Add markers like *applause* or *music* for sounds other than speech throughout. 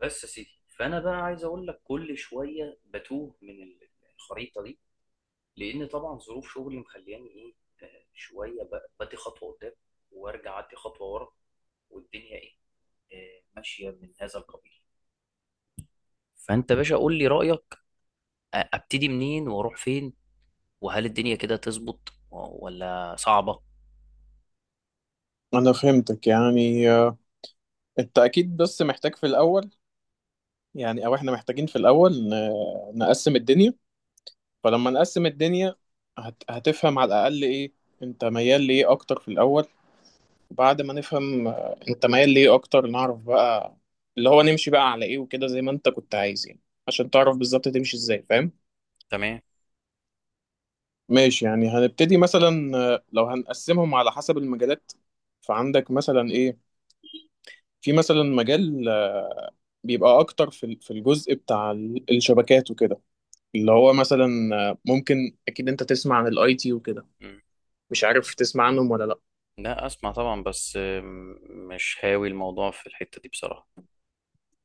بس يا سيدي، فانا بقى عايز اقول لك كل شويه بتوه من الخريطه دي. لان طبعا ظروف شغلي مخلياني ايه، شويه بدي خطوه قدام، وارجع ادي خطوه ورا، والدنيا ايه، ماشيه من هذا القبيل. فانت باشا قول لي رايك، ابتدي منين واروح فين؟ وهل الدنيا كده تظبط ولا صعبه؟ انا فهمتك يعني، انت اكيد بس محتاج في الاول. يعني او احنا محتاجين في الاول نقسم الدنيا. فلما نقسم الدنيا هتفهم على الاقل ايه انت ميال ليه اكتر في الاول. وبعد ما نفهم انت ميال ليه اكتر، نعرف بقى اللي هو نمشي بقى على ايه وكده زي ما انت كنت عايز، يعني عشان تعرف بالظبط تمشي ازاي. فاهم؟ تمام. ماشي. يعني هنبتدي مثلا، لو هنقسمهم على حسب المجالات، فعندك مثلا ايه، في مثلا مجال بيبقى اكتر في في الجزء بتاع الشبكات وكده، اللي هو مثلا ممكن اكيد انت تسمع عن الاي تي وكده. مم. مش عارف تسمع عنهم ولا لا؟ لا، اسمع طبعا، بس مش هاوي الموضوع في الحتة دي بصراحة.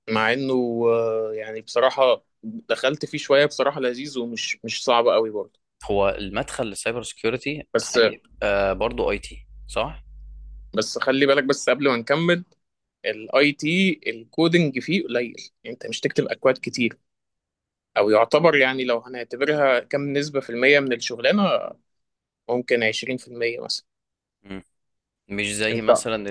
مع انه يعني بصراحة دخلت فيه شوية، بصراحة لذيذ ومش مش صعب قوي برضه. هو المدخل للسايبر سكيورتي بس، هيبقى برضه اي تي صح؟ بس خلي بالك بس قبل ما نكمل. الاي تي الكودنج فيه قليل، يعني انت مش تكتب اكواد كتير، او يعتبر، يعني لو هنعتبرها كم نسبة في المية من الشغلانة، ممكن 20% مثلا. مم. مش زي انت مثلا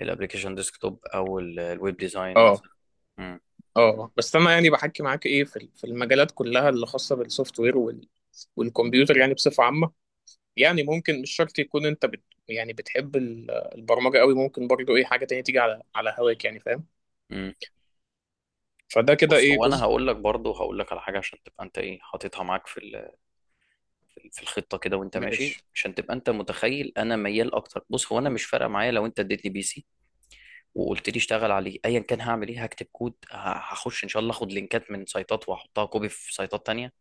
الابلكيشن ديسكتوب او الويب ديزاين اه مثلا. مم. اه بس انا يعني بحكي معاك، ايه، في المجالات كلها اللي خاصه بالسوفت وير والكمبيوتر، يعني بصفه عامه. يعني ممكن مش شرط يكون انت بت، يعني بتحب البرمجه قوي، ممكن برضو ايه حاجه تانية تيجي على هواك، يعني فاهم. مم. فده كده بص ايه هو انا جزء. هقول لك برضه هقول لك على حاجه عشان تبقى انت ايه حاططها معاك في الخطه كده، وانت ماشي ماشي. عشان تبقى انت متخيل انا ميال اكتر. بص هو انا مش فارقه معايا، لو انت اديتني بي سي وقلت لي اشتغل عليه ايا كان، هعمل ايه، هكتب كود، هخش ان شاء الله اخد لينكات من سايتات واحطها كوبي في سايتات تانية.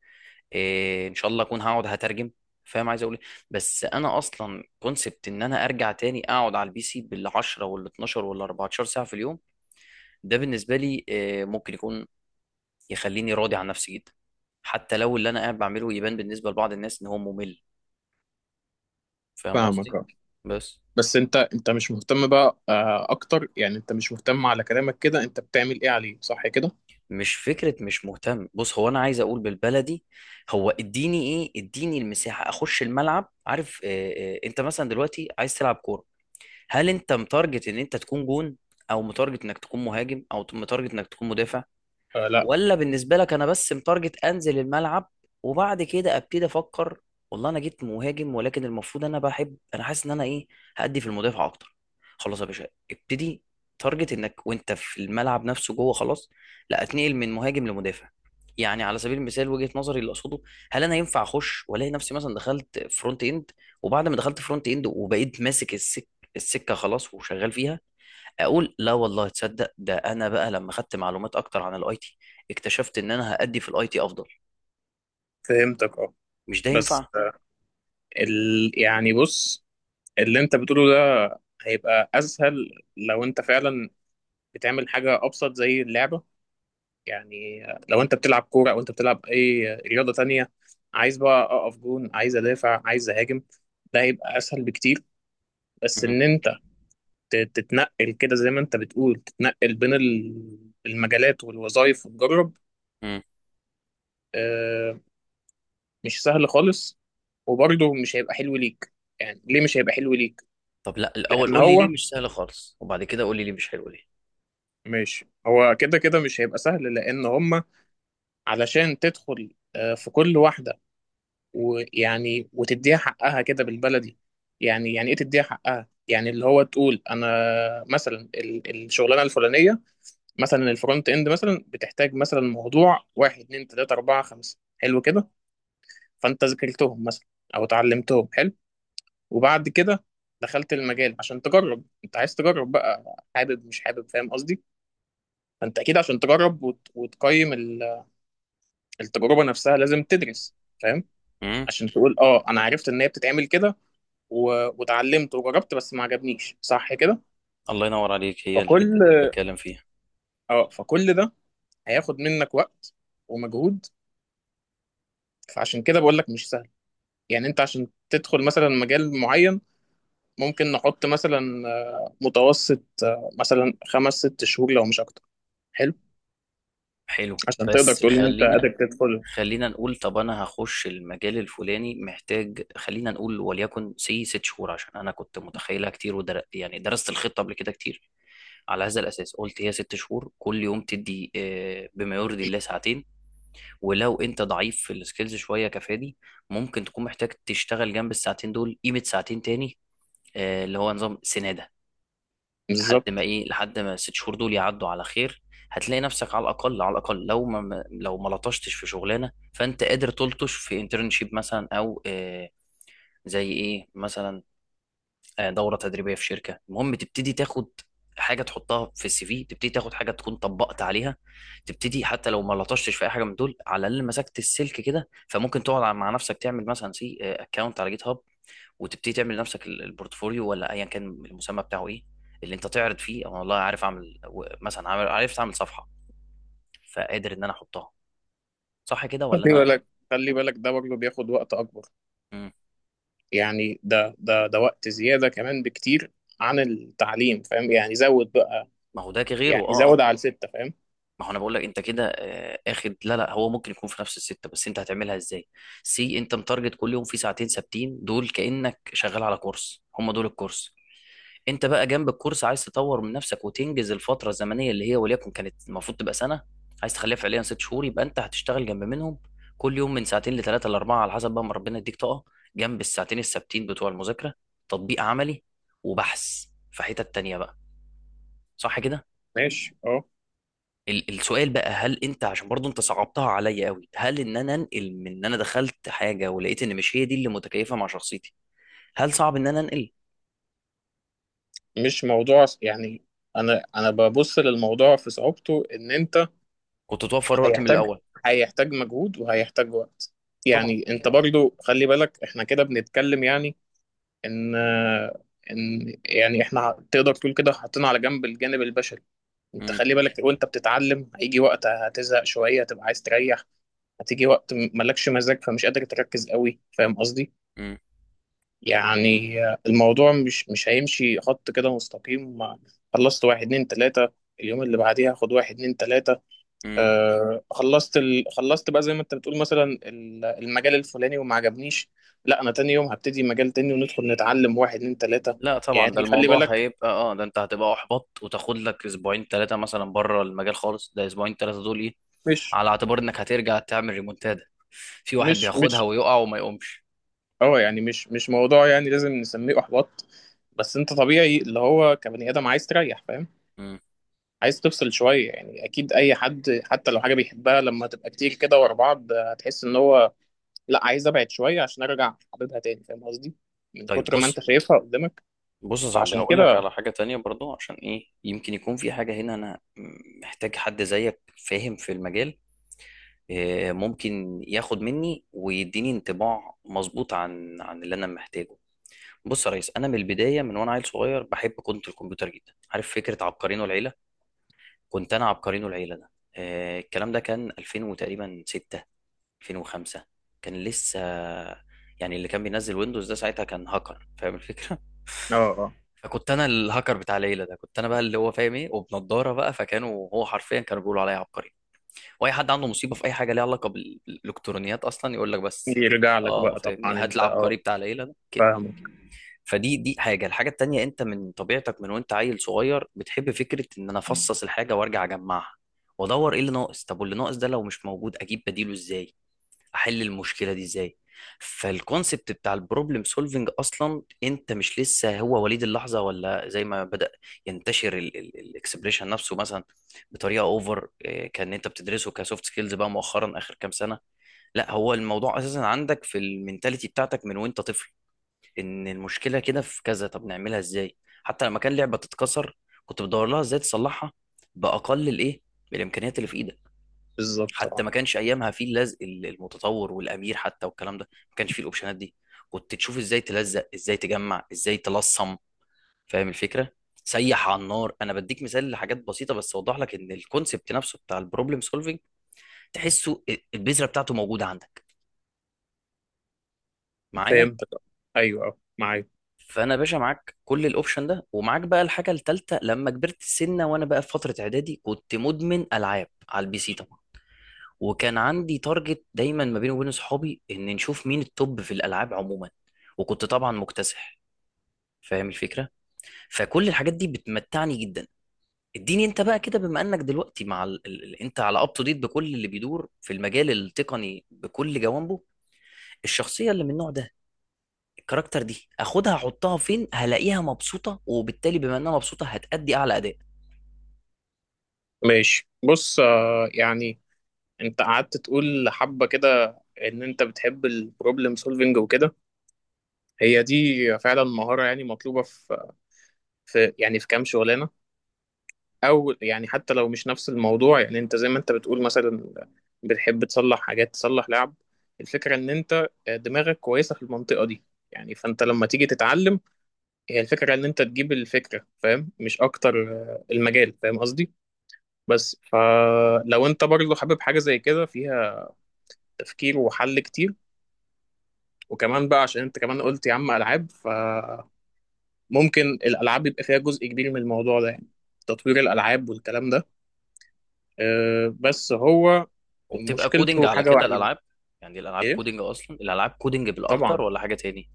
إيه ان شاء الله اكون هقعد هترجم. فاهم عايز اقول ايه؟ بس انا اصلا كونسبت ان انا ارجع تاني اقعد على البي سي بال 10 وال 12 وال 14 ساعه في اليوم، ده بالنسبه لي إيه، ممكن يكون يخليني راضي عن نفسي جدا. حتى لو اللي انا قاعد بعمله يبان بالنسبه لبعض الناس ان هو ممل. فاهم قصدي؟ فاهمك. اه بس بس انت مش مهتم بقى، اكتر، يعني انت مش مهتم، على كلامك كده انت بتعمل ايه عليه، صح كده؟ مش فكره مش مهتم. بص هو انا عايز اقول بالبلدي، هو اديني المساحه اخش الملعب. عارف إيه انت مثلا دلوقتي عايز تلعب كوره، هل انت متارجت ان انت تكون جون؟ او متارجت انك تكون مهاجم او متارجت انك تكون مدافع؟ آه لا. ولا بالنسبه لك انا بس متارجت انزل الملعب، وبعد كده ابتدي افكر؟ والله انا جيت مهاجم ولكن المفروض انا بحب، انا حاسس ان انا ايه، هأدي في المدافع اكتر. خلاص يا باشا ابتدي تارجت انك وانت في الملعب نفسه جوه خلاص، لا اتنقل من مهاجم لمدافع. يعني على سبيل المثال وجهة نظري اللي اقصده، هل انا ينفع اخش والاقي نفسي مثلا دخلت فرونت اند، وبعد ما دخلت فرونت اند وبقيت ماسك السكه خلاص وشغال فيها، اقول لا والله تصدق ده انا بقى لما خدت معلومات اكتر عن الاي تي اكتشفت ان انا هأدي في الاي تي افضل؟ فهمتك. اه مش ده بس ينفع؟ يعني بص، اللي انت بتقوله ده هيبقى اسهل لو انت فعلا بتعمل حاجة أبسط زي اللعبة. يعني لو أنت بتلعب كورة أو أنت بتلعب أي رياضة تانية، عايز بقى أقف جون، عايز أدافع، عايز أهاجم، ده هيبقى أسهل بكتير. بس مم. إن أنت تتنقل كده زي ما أنت بتقول، تتنقل بين المجالات والوظائف وتجرب، مم. آه، مش سهل خالص، وبرضه مش هيبقى حلو ليك. يعني ليه مش هيبقى حلو ليك؟ طب لا الاول لأن قول لي هو، ليه مش سهل خالص، وبعد كده قول لي ليه مش حلو ليه. ماشي، هو كده كده مش هيبقى سهل، لأن هما علشان تدخل في كل واحدة ويعني وتديها حقها كده بالبلدي. يعني ايه تديها حقها، يعني اللي هو تقول انا مثلا الشغلانه الفلانيه، مثلا الفرونت اند مثلا، بتحتاج مثلا موضوع واحد اتنين تلاته اربعه خمسه، حلو كده. فانت ذاكرتهم مثلا او اتعلمتهم، حلو. وبعد كده دخلت المجال عشان تجرب، انت عايز تجرب بقى، حابب مش حابب، فاهم قصدي؟ فانت اكيد عشان تجرب وتقيم التجربه نفسها لازم تدرس، فاهم؟ مم. عشان تقول اه انا عرفت ان هي بتتعمل كده واتعلمت وجربت بس ما عجبنيش، صح كده؟ الله ينور عليك، هي الحتة فكل دي اللي بتكلم فيها. اه فكل ده هياخد منك وقت ومجهود، فعشان كده بقول لك مش سهل. يعني انت عشان تدخل مثلا مجال معين، ممكن نحط مثلا متوسط مثلا خمس ست شهور لو مش اكتر. حلو. حلو، عشان تقدر بس تقول ان انت خلينا قادر تدخل. خلينا نقول طب انا هخش المجال الفلاني، محتاج خلينا نقول وليكن سي ست شهور، عشان انا كنت متخيلها كتير يعني درست الخطه قبل كده كتير. على هذا الاساس قلت هي ست شهور، كل يوم تدي بما يرضي الله ساعتين. ولو انت ضعيف في السكيلز شويه كفادي، ممكن تكون محتاج تشتغل جنب الساعتين دول قيمه ساعتين تاني، اللي هو نظام سناده. لحد ما بالظبط. ايه، لحد ما الست شهور دول يعدوا على خير، هتلاقي نفسك على الاقل، على الاقل لو ما لطشتش في شغلانه فانت قادر تلطش في انترنشيب مثلا، او زي ايه مثلا، دوره تدريبيه في شركه، المهم تبتدي تاخد حاجه تحطها في السي في، تبتدي تاخد حاجه تكون طبقت عليها. تبتدي حتى لو ما لطشتش في اي حاجه من دول على الاقل مسكت السلك كده، فممكن تقعد مع نفسك تعمل مثلا سي اكونت على جيت هاب، وتبتدي تعمل لنفسك البورتفوليو ولا ايا كان المسمى بتاعه ايه، اللي انت تعرض فيه انا والله عارف اعمل مثلا عرفت اعمل صفحه، فقادر ان انا احطها. صح كده ولا خلي انا؟ بالك، خلي بالك ده برضه بياخد وقت اكبر. مم. يعني ده وقت زياده كمان بكتير عن التعليم، فاهم؟ يعني زود بقى. ما هو ده غيره يعني زود على الستة، فاهم؟ ما هو انا بقول لك انت كده، اخد، لا لا هو ممكن يكون في نفس السته، بس انت هتعملها ازاي. سي انت متارجت كل يوم في ساعتين ثابتين دول كانك شغال على كورس، هم دول الكورس. انت بقى جنب الكورس عايز تطور من نفسك وتنجز الفتره الزمنيه اللي هي وليكن كانت المفروض تبقى سنه، عايز تخليها فعليا ست شهور، يبقى انت هتشتغل جنب منهم كل يوم من ساعتين لثلاثه لاربعه على حسب بقى ما ربنا يديك طاقه، جنب الساعتين الثابتين بتوع المذاكره، تطبيق عملي وبحث في حتت تانيه بقى. صح كده؟ ماشي. اه. السؤال بقى، هل انت عشان برضو انت صعبتها عليا قوي، هل ان انا انقل من ان انا دخلت حاجه ولقيت ان مش هي دي اللي متكيفه مع شخصيتي، هل صعب ان انا انقل؟ مش موضوع يعني، انا ببص للموضوع في صعوبته ان انت كنت توفر وقت من هيحتاج الاول. هيحتاج مجهود وهيحتاج وقت. طبعا. يعني انت برضو خلي بالك، احنا كده بنتكلم يعني ان ان يعني احنا تقدر تقول كده حاطين على جنب الجانب البشري. انت مم. خلي بالك، وانت بتتعلم هيجي وقت هتزهق شوية، هتبقى عايز تريح. هتيجي وقت مالكش مزاج فمش قادر تركز قوي، فاهم قصدي؟ مم. يعني الموضوع مش هيمشي خط كده مستقيم. خلصت واحد اتنين تلاتة، اليوم اللي بعديها خد واحد اتنين تلاتة. مم. آه. خلصت بقى زي ما انت بتقول مثلا المجال الفلاني وما عجبنيش. لا، انا تاني يوم هبتدي مجال تاني وندخل نتعلم واحد اتنين تلاتة. لا طبعا ده يعني خلي الموضوع بالك، هيبقى اه، ده انت هتبقى احبط وتاخد لك اسبوعين ثلاثه مثلا بره المجال خالص. ده اسبوعين ثلاثه دول ايه، مش على اعتبار انك هترجع تعمل ريمونتادا. في واحد مش بياخدها مش ويقع وما يقومش. اه، يعني مش موضوع يعني لازم نسميه احباط. بس انت طبيعي اللي هو كبني ادم عايز تريح، فاهم؟ مم. عايز تفصل شوية. يعني أكيد أي حد حتى لو حاجة بيحبها لما تبقى كتير كده ورا بعض، هتحس إن هو لأ، عايز أبعد شوية عشان أرجع حبيبها تاني، فاهم قصدي؟ من طيب كتر ما أنت بص، شايفها قدامك. بص يا صاحبي فعشان هقول كده. لك على حاجة تانية برضو عشان ايه، يمكن يكون في حاجة هنا انا محتاج حد زيك فاهم في المجال، ممكن ياخد مني ويديني انطباع مظبوط عن اللي انا محتاجه. بص يا ريس، انا من البداية من وانا عيل صغير بحب كنت الكمبيوتر جدا، عارف فكرة عبقرين والعيلة. كنت انا عبقرين والعيلة ده، الكلام ده كان 2000 وتقريبا 6، 2005. كان لسه يعني، اللي كان بينزل ويندوز ده ساعتها كان هاكر فاهم الفكرة. آه *laughs* فكنت انا الهاكر بتاع ليلى ده، كنت انا بقى اللي هو فاهم ايه وبنضاره بقى، فكانوا هو حرفيا كانوا بيقولوا عليا عبقري. واي حد عنده مصيبه في اي حاجه ليها علاقه بالالكترونيات اصلا يقول لك، بس يرجع لك اه بقى فاهمني طبعا، هات أنت العبقري أه. بتاع ليلى ده كده. فاهمك. فدي دي حاجه. الحاجه التانيه، انت من طبيعتك من وانت عيل صغير بتحب فكره ان انا افصص الحاجه وارجع اجمعها، وادور ايه اللي ناقص، طب واللي ناقص ده لو مش موجود اجيب بديله ازاي، احل المشكله دي ازاي. فالكونسبت بتاع البروبلم سولفنج اصلا انت مش لسه هو وليد اللحظه، ولا زي ما بدا ينتشر الاكسبريشن نفسه مثلا بطريقه اوفر كان انت بتدرسه كسوفت سكيلز بقى مؤخرا اخر كام سنه. لا هو الموضوع اساسا عندك في المينتاليتي بتاعتك من وانت طفل، ان المشكله كده في كذا طب نعملها ازاي. حتى لما كان لعبه تتكسر، كنت بدور لها ازاي تصلحها باقل الايه، بالامكانيات اللي في ايدك. بالظبط، حتى أه. ما كانش ايامها فيه اللزق المتطور والامير حتى والكلام ده، ما كانش فيه الاوبشنات دي. كنت تشوف ازاي تلزق، ازاي تجمع، ازاي تلصم، فاهم الفكره. سيح على النار. انا بديك مثال لحاجات بسيطه بس اوضح لك ان الكونسبت نفسه بتاع البروبلم سولفنج تحسه البذره بتاعته موجوده عندك معايا. فهمتك. آه. أيوه، أه، معاك. فانا يا باشا معاك كل الاوبشن ده، ومعاك بقى الحاجه الثالثه، لما كبرت سنه وانا بقى في فتره اعدادي كنت مدمن العاب على البي سي طبعا، وكان عندي تارجت دايما ما بيني وبين صحابي ان نشوف مين التوب في الالعاب عموما، وكنت طبعا مكتسح فاهم الفكره. فكل الحاجات دي بتمتعني جدا. اديني انت بقى كده بما انك دلوقتي مع انت على اب تو ديت بكل اللي بيدور في المجال التقني بكل جوانبه، الشخصيه اللي من النوع ده، الكاركتر دي اخدها احطها فين هلاقيها مبسوطه، وبالتالي بما انها مبسوطه هتأدي اعلى اداء. ماشي، بص، يعني، أنت قعدت تقول حبة كده إن أنت بتحب البروبلم سولفنج وكده. هي دي فعلا مهارة، يعني مطلوبة في كام شغلانة. او يعني حتى لو مش نفس الموضوع، يعني انت زي ما انت بتقول مثلا بتحب تصلح حاجات تصلح لعب. الفكره ان انت دماغك كويسه في المنطقه دي. يعني فانت لما تيجي تتعلم هي الفكره ان انت تجيب الفكره، فاهم، مش اكتر المجال، فاهم قصدي؟ بس فلو انت برضه حابب حاجه زي كده فيها تفكير وحل كتير، وكمان بقى عشان انت كمان قلت يا عم العاب، فممكن الالعاب يبقى فيها جزء كبير من الموضوع ده، يعني تطوير الالعاب والكلام ده، بس هو وبتبقى كودنج مشكلته على حاجة كده واحدة. الالعاب؟ يعني الالعاب ايه؟ كودنج اصلا، الالعاب كودنج بالاكتر طبعا. ولا حاجه تاني.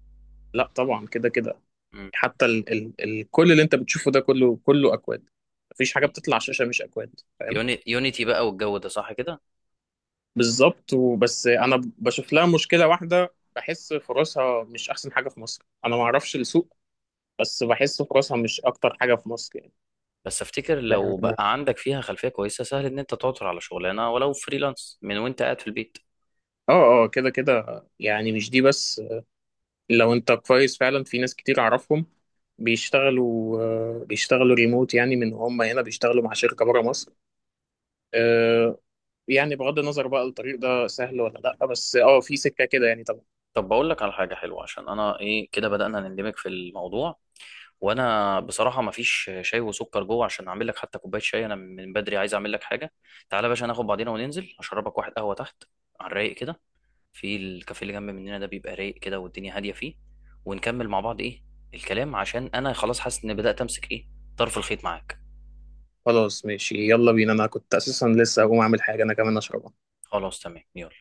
لا طبعا كده كده. مم. حتى ال ال ال كل اللي انت بتشوفه ده كله اكواد، مفيش حاجة بتطلع على الشاشة مش اكواد، فاهم؟ يونيتي بقى والجو ده صح كده. بالظبط. وبس انا بشوف لها مشكلة واحدة، بحس فرصها مش احسن حاجة في مصر، انا ما اعرفش السوق، بس بحس فرصها مش اكتر حاجة في مصر يعني. بس افتكر لو لأن بقى عندك فيها خلفيه كويسه سهل ان انت تعثر على شغلانه، ولو فريلانس من وانت قاعد في البيت. اه كده كده، يعني مش دي بس، لو انت كويس فعلا، في ناس كتير اعرفهم بيشتغلوا بيشتغلوا ريموت، يعني من هم هنا بيشتغلوا مع شركة بره مصر. آه، يعني بغض النظر بقى الطريق ده سهل ولا لا، بس اه في سكة كده يعني طبعا. طب بقول لك على حاجه حلوه عشان انا ايه كده بدانا نندمج في الموضوع، وانا بصراحه ما فيش شاي وسكر جوه عشان اعمل لك حتى كوبايه شاي، انا من بدري عايز اعمل لك حاجه. تعالى يا باشا ناخد بعضينا وننزل اشربك واحد قهوه تحت على الرايق كده، في الكافيه اللي جنب مننا ده بيبقى رايق كده والدنيا هاديه فيه، ونكمل مع بعض ايه الكلام، عشان انا خلاص حاسس ان بدات امسك ايه طرف الخيط معاك. خلاص ماشي، يلا بينا، انا كنت اساسا لسه هقوم اعمل حاجة انا كمان اشربها. خلاص تمام يلا.